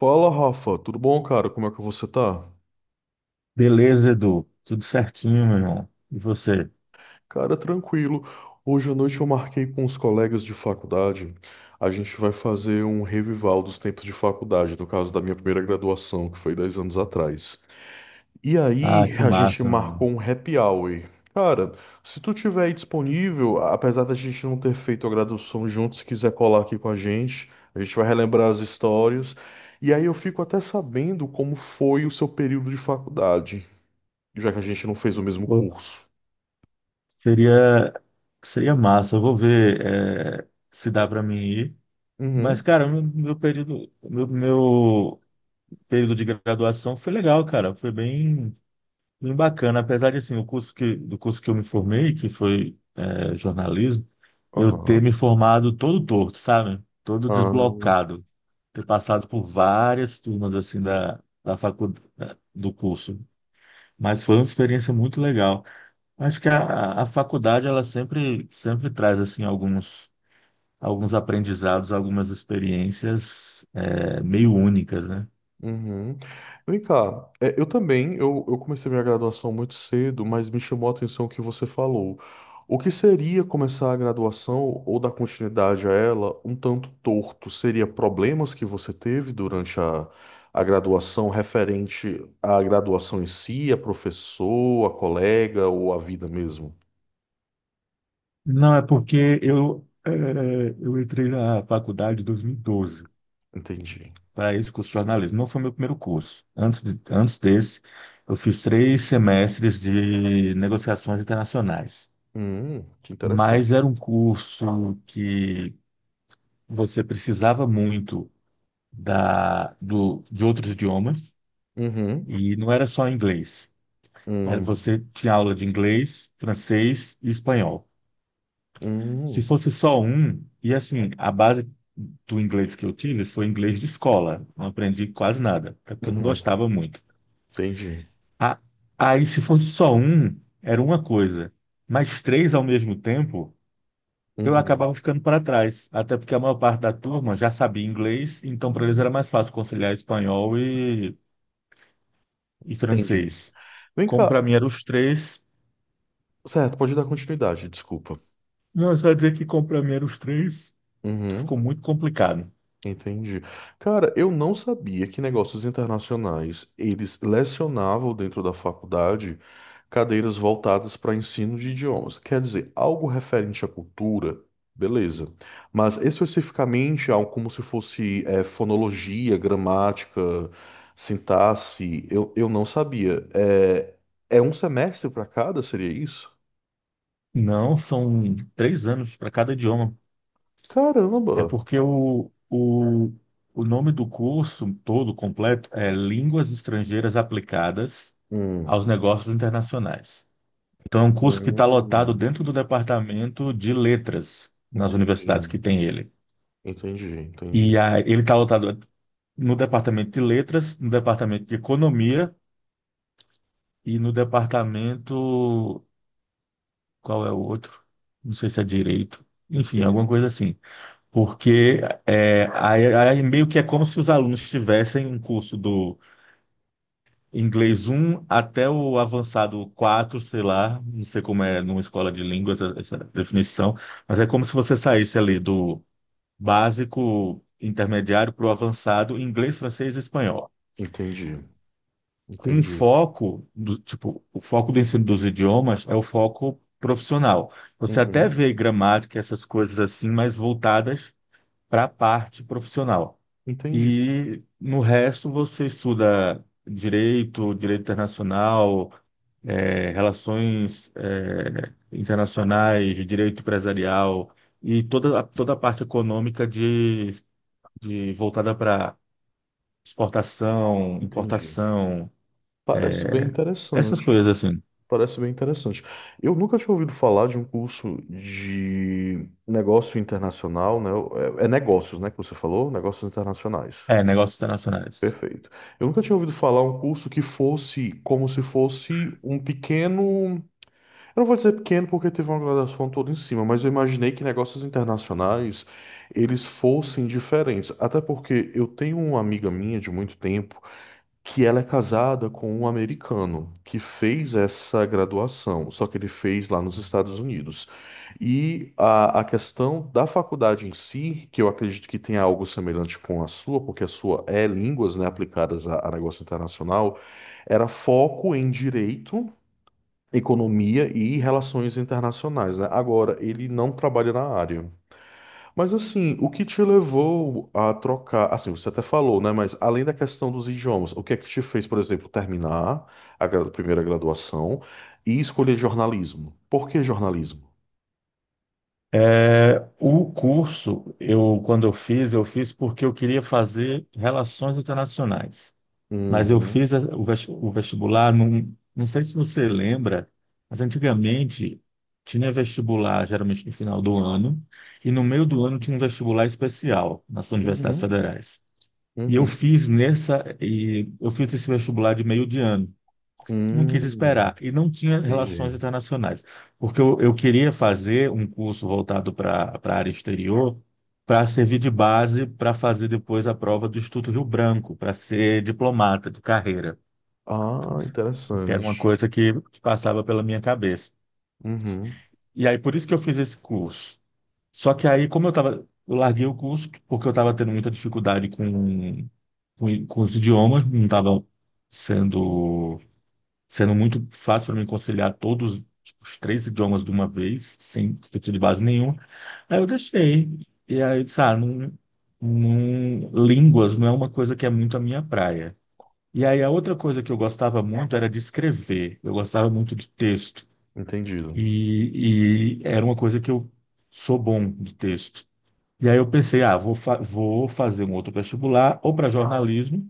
Fala, Rafa, tudo bom, cara? Como é que você tá? Beleza, Edu. Tudo certinho, meu irmão. E você? Cara, tranquilo. Hoje à noite eu marquei com os colegas de faculdade. A gente vai fazer um revival dos tempos de faculdade, no caso da minha primeira graduação, que foi 10 anos atrás. E Ah, aí que a gente massa, mano. marcou um happy hour. Cara, se tu tiver aí disponível, apesar da gente não ter feito a graduação junto, se quiser colar aqui com a gente vai relembrar as histórias. E aí eu fico até sabendo como foi o seu período de faculdade, já que a gente não fez o mesmo Pô, curso. seria, seria massa. Eu vou ver, se dá para mim ir. Mas, Uhum. cara, meu período, meu período de graduação foi legal, cara. Foi bem Bem bacana, apesar de assim, do curso que eu me formei, que foi jornalismo, eu ter me Aham. formado todo torto, sabe? Todo Ah, desblocado, ter passado por várias turmas assim da faculdade do curso, mas foi uma experiência muito legal. Acho que a faculdade ela sempre traz assim alguns aprendizados, algumas experiências meio únicas, né? uhum. Vem cá, eu também, eu comecei minha graduação muito cedo, mas me chamou a atenção o que você falou. O que seria começar a graduação ou dar continuidade a ela um tanto torto? Seria problemas que você teve durante a graduação referente à graduação em si, a professor, a colega ou a vida mesmo? Não, é porque eu, eu entrei na faculdade em 2012 Entendi. para esse curso de jornalismo. Não foi meu primeiro curso. Antes desse, eu fiz três semestres de negociações internacionais. Que interessante. Mas era um curso que você precisava muito de outros idiomas Uhum. e não era só inglês. É, Hum. você tinha aula de inglês, francês e espanhol. Se Hum, fosse só um, e assim, a base do inglês que eu tive foi inglês de escola. Não aprendi quase nada, até porque eu não uhum, gostava muito. entendi. A- Aí, se fosse só um, era uma coisa. Mas três ao mesmo tempo, eu Uhum, acabava ficando para trás. Até porque a maior parte da turma já sabia inglês, então para eles era mais fácil conciliar espanhol e entendi. francês. Vem Como para cá, mim eram os três. certo, pode dar continuidade, desculpa. Não, é só ia dizer que como para mim eram os três, ficou Uhum, muito complicado. entendi. Cara, eu não sabia que negócios internacionais eles lecionavam dentro da faculdade cadeiras voltadas para ensino de idiomas. Quer dizer, algo referente à cultura, beleza. Mas especificamente algo como se fosse fonologia, gramática, sintaxe, eu não sabia. É um semestre para cada, seria isso? Não, são três anos para cada idioma. Caramba! É porque o nome do curso todo completo é Línguas Estrangeiras Aplicadas aos Hum. Negócios Internacionais. Então, é um curso que está lotado Hum. dentro do departamento de letras nas universidades Entendi. que tem ele. Entendi, E entendi. Ele está lotado no departamento de letras, no departamento de economia e no departamento. Qual é o outro? Não sei se é direito. Enfim, Entendi, alguma coisa assim. Porque é, aí meio que é como se os alunos tivessem um curso do inglês um até o avançado 4 sei lá, não sei como é numa escola de línguas essa definição, mas é como se você saísse ali do básico intermediário para o avançado inglês, francês e espanhol. entendi, Com um entendi. foco, tipo, o foco do ensino dos idiomas é o foco profissional. Você até vê Uhum, gramática, essas coisas assim, mas voltadas para a parte profissional. entendi, E no resto você estuda direito, direito internacional, relações, internacionais, direito empresarial e toda a parte econômica de voltada para exportação, entendi. importação, Parece eh, bem essas interessante. coisas assim. Parece bem interessante. Eu nunca tinha ouvido falar de um curso de negócio internacional, né? É negócios, né, que você falou? Negócios internacionais. É, negócios internacionais. Perfeito. Eu nunca tinha ouvido falar um curso que fosse como se fosse um pequeno. Eu não vou dizer pequeno porque teve uma graduação toda em cima, mas eu imaginei que negócios internacionais eles fossem diferentes. Até porque eu tenho uma amiga minha de muito tempo que ela é casada com um americano que fez essa graduação, só que ele fez lá nos Estados Unidos. E a questão da faculdade em si, que eu acredito que tenha algo semelhante com a sua, porque a sua é línguas, né, aplicadas a negócio internacional, era foco em direito, economia e relações internacionais, né? Agora, ele não trabalha na área. Mas assim, o que te levou a trocar? Assim, você até falou, né? Mas além da questão dos idiomas, o que é que te fez, por exemplo, terminar a primeira graduação e escolher jornalismo? Por que jornalismo? É, o curso, eu, quando eu fiz porque eu queria fazer relações internacionais. Mas eu Uhum, fiz o vestibular, num, não sei se você lembra, mas antigamente tinha vestibular geralmente no final do ano, e no meio do ano tinha um vestibular especial nas universidades uhum, federais. E eu uhum. fiz nessa, e eu fiz esse vestibular de meio de ano. Não Hum, quis esperar, e não tinha relações entendi. internacionais, porque eu queria fazer um curso voltado para a área exterior, para servir de base para fazer depois a prova do Instituto Rio Branco, para ser diplomata de carreira Ah, porque era uma interessante. coisa que passava pela minha cabeça. Uhum, E aí, por isso que eu fiz esse curso. Só que aí, como eu tava, eu larguei o curso porque eu estava tendo muita dificuldade com os idiomas, não estava sendo, sendo muito fácil para mim conciliar todos tipo, os três idiomas de uma vez, sem sentido de base nenhuma. Aí eu deixei. E aí, eu disse, ah, não, línguas não é uma coisa que é muito a minha praia. E aí, a outra coisa que eu gostava muito era de escrever. Eu gostava muito de texto. entendido. E era uma coisa que eu sou bom de texto. E aí eu pensei, ah, vou fazer um outro vestibular, ou para jornalismo,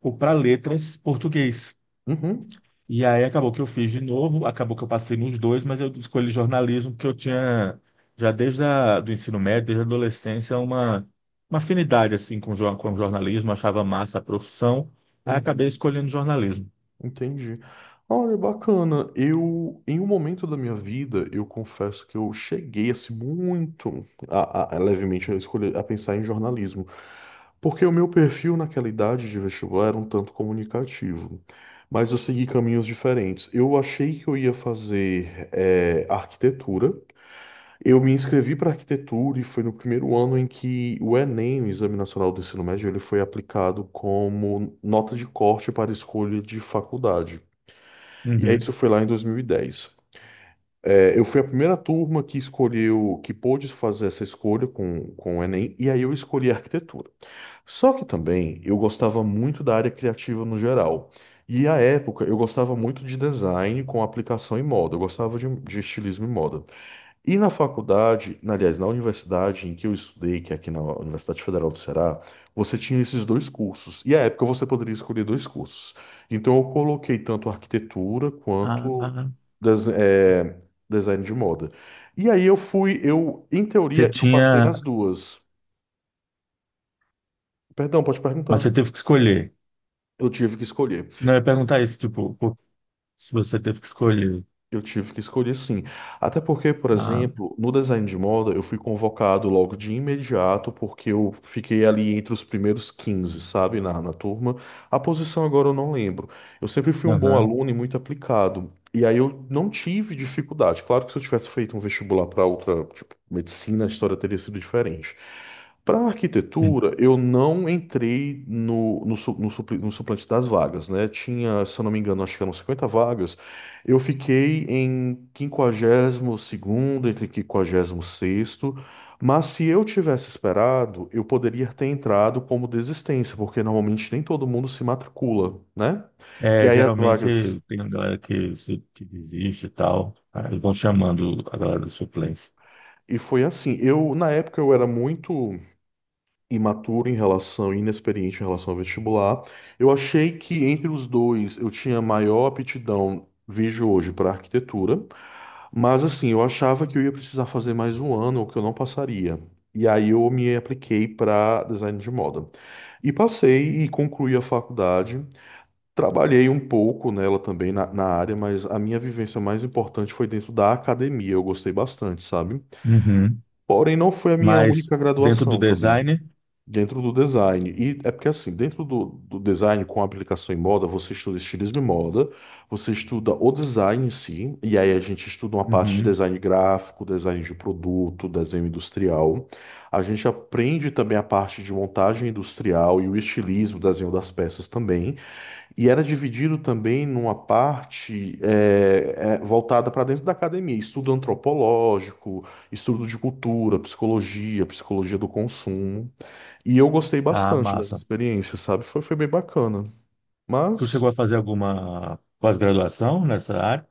ou para letras português. Uhum, E aí acabou que eu fiz de novo, acabou que eu passei nos dois, mas eu escolhi jornalismo porque eu tinha, já desde do ensino médio, desde a adolescência, uma afinidade assim com jornalismo, achava massa a profissão, aí acabei uhum. escolhendo jornalismo. Entendi. Olha, bacana. Eu, em um momento da minha vida, eu confesso que eu cheguei assim muito a levemente a escolher, a pensar em jornalismo, porque o meu perfil naquela idade de vestibular era um tanto comunicativo, mas eu segui caminhos diferentes. Eu achei que eu ia fazer arquitetura. Eu me inscrevi para arquitetura e foi no primeiro ano em que o Enem, o Exame Nacional do Ensino Médio, ele foi aplicado como nota de corte para escolha de faculdade. E aí isso Uhum. foi lá em 2010. É, eu fui a primeira turma que escolheu, que pôde fazer essa escolha com o Enem, e aí eu escolhi arquitetura. Só que também eu gostava muito da área criativa no geral. E à época eu gostava muito de design com aplicação em moda, eu gostava de estilismo em moda. E na faculdade, aliás, na universidade em que eu estudei, que é aqui na Universidade Federal do Ceará, você tinha esses dois cursos. E à época você poderia escolher dois cursos. Então eu coloquei tanto arquitetura Ah, ah, quanto ah. des- eh, design de moda. E aí eu fui, eu, em você teoria, eu passei tinha, nas duas. Perdão, pode mas perguntar. você teve que escolher. Eu tive que escolher. Não, eu ia perguntar isso, tipo, se você teve que escolher. Eu tive que escolher sim. Até porque, por Ah, exemplo, no design de moda, eu fui convocado logo de imediato, porque eu fiquei ali entre os primeiros 15, sabe, na turma. A posição agora eu não lembro. Eu sempre fui um bom aham. aluno e muito aplicado. E aí eu não tive dificuldade. Claro que se eu tivesse feito um vestibular para outra, tipo, medicina, a história teria sido diferente. Para arquitetura, eu não entrei no suplente das vagas, né? Tinha, se eu não me engano, acho que eram 50 vagas. Eu fiquei em 52º entre 56º, mas se eu tivesse esperado, eu poderia ter entrado como desistência, porque normalmente nem todo mundo se matricula, né? E É, aí as vagas. geralmente tem uma galera que, se- que desiste e tal. Aí vão chamando a galera da suplência. E foi assim, eu na época eu era muito imaturo em relação, inexperiente em relação ao vestibular. Eu achei que entre os dois eu tinha maior aptidão, vejo hoje, para arquitetura, mas assim, eu achava que eu ia precisar fazer mais um ano, ou que eu não passaria. E aí eu me apliquei para design de moda. E passei e concluí a faculdade. Trabalhei um pouco nela também, na área, mas a minha vivência mais importante foi dentro da academia. Eu gostei bastante, sabe? Uhum. Porém, não foi a minha Mas única dentro do graduação também. design, Dentro do design. E é porque, assim, dentro do design com aplicação em moda, você estuda estilismo e moda, você estuda o design em si, e aí a gente estuda uma parte de uhum. design gráfico, design de produto, desenho industrial. A gente aprende também a parte de montagem industrial e o estilismo, desenho das peças também. E era dividido também numa parte voltada para dentro da academia, estudo antropológico, estudo de cultura, psicologia, psicologia do consumo. E eu gostei Ah, bastante dessa massa. experiência, sabe? Foi bem bacana. Tu Mas chegou a fazer alguma pós-graduação nessa área?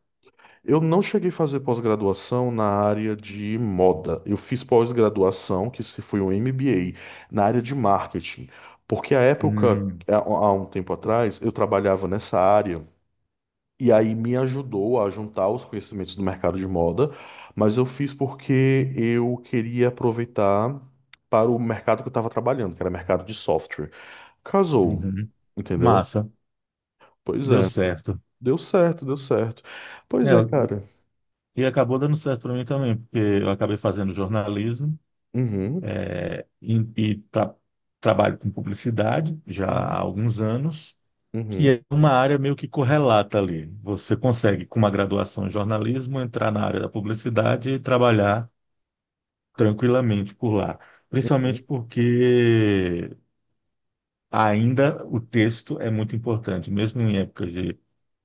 eu não cheguei a fazer pós-graduação na área de moda. Eu fiz pós-graduação, que se foi um MBA, na área de marketing. Porque a época, Hum, há um tempo atrás, eu trabalhava nessa área. E aí me ajudou a juntar os conhecimentos do mercado de moda, mas eu fiz porque eu queria aproveitar para o mercado que eu estava trabalhando, que era mercado de software. Casou, uhum. entendeu? Massa, Pois deu é, certo. deu certo, deu certo. Pois É, é, cara. e acabou dando certo para mim também, porque eu acabei fazendo jornalismo. Uhum, E trabalho com publicidade já há uhum, alguns anos, que uhum, é uma área meio que correlata ali. Você consegue, com uma graduação em jornalismo, entrar na área da publicidade e trabalhar tranquilamente por lá. uhum. Principalmente porque ainda o texto é muito importante, mesmo em época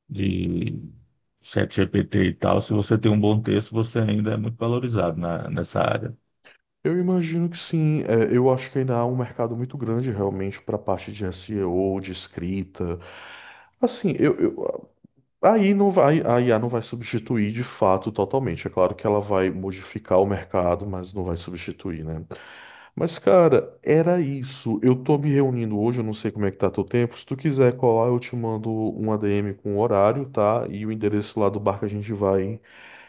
de ChatGPT e tal, se você tem um bom texto, você ainda é muito valorizado nessa área. Eu imagino que sim. É, eu acho que ainda há um mercado muito grande realmente para a parte de SEO, de escrita. Assim, aí não vai, a IA não vai substituir de fato totalmente. É claro que ela vai modificar o mercado, mas não vai substituir, né? Mas, cara, era isso. Eu tô me reunindo hoje, eu não sei como é que tá teu tempo. Se tu quiser colar, eu te mando um ADM com o horário, tá? E o endereço lá do bar que a gente vai,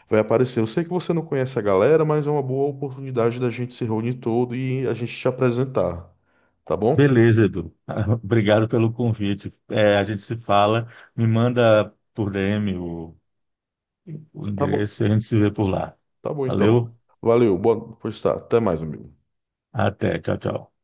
vai aparecer. Eu sei que você não conhece a galera, mas é uma boa oportunidade da gente se reunir todo e a gente te apresentar. Tá bom? Beleza, Edu. Obrigado pelo convite. É, a gente se fala, me manda por DM o Tá bom. endereço e a gente se vê por lá. Tá bom, então. Valeu, Valeu. Pois tá. Até mais, amigo. até, tchau, tchau.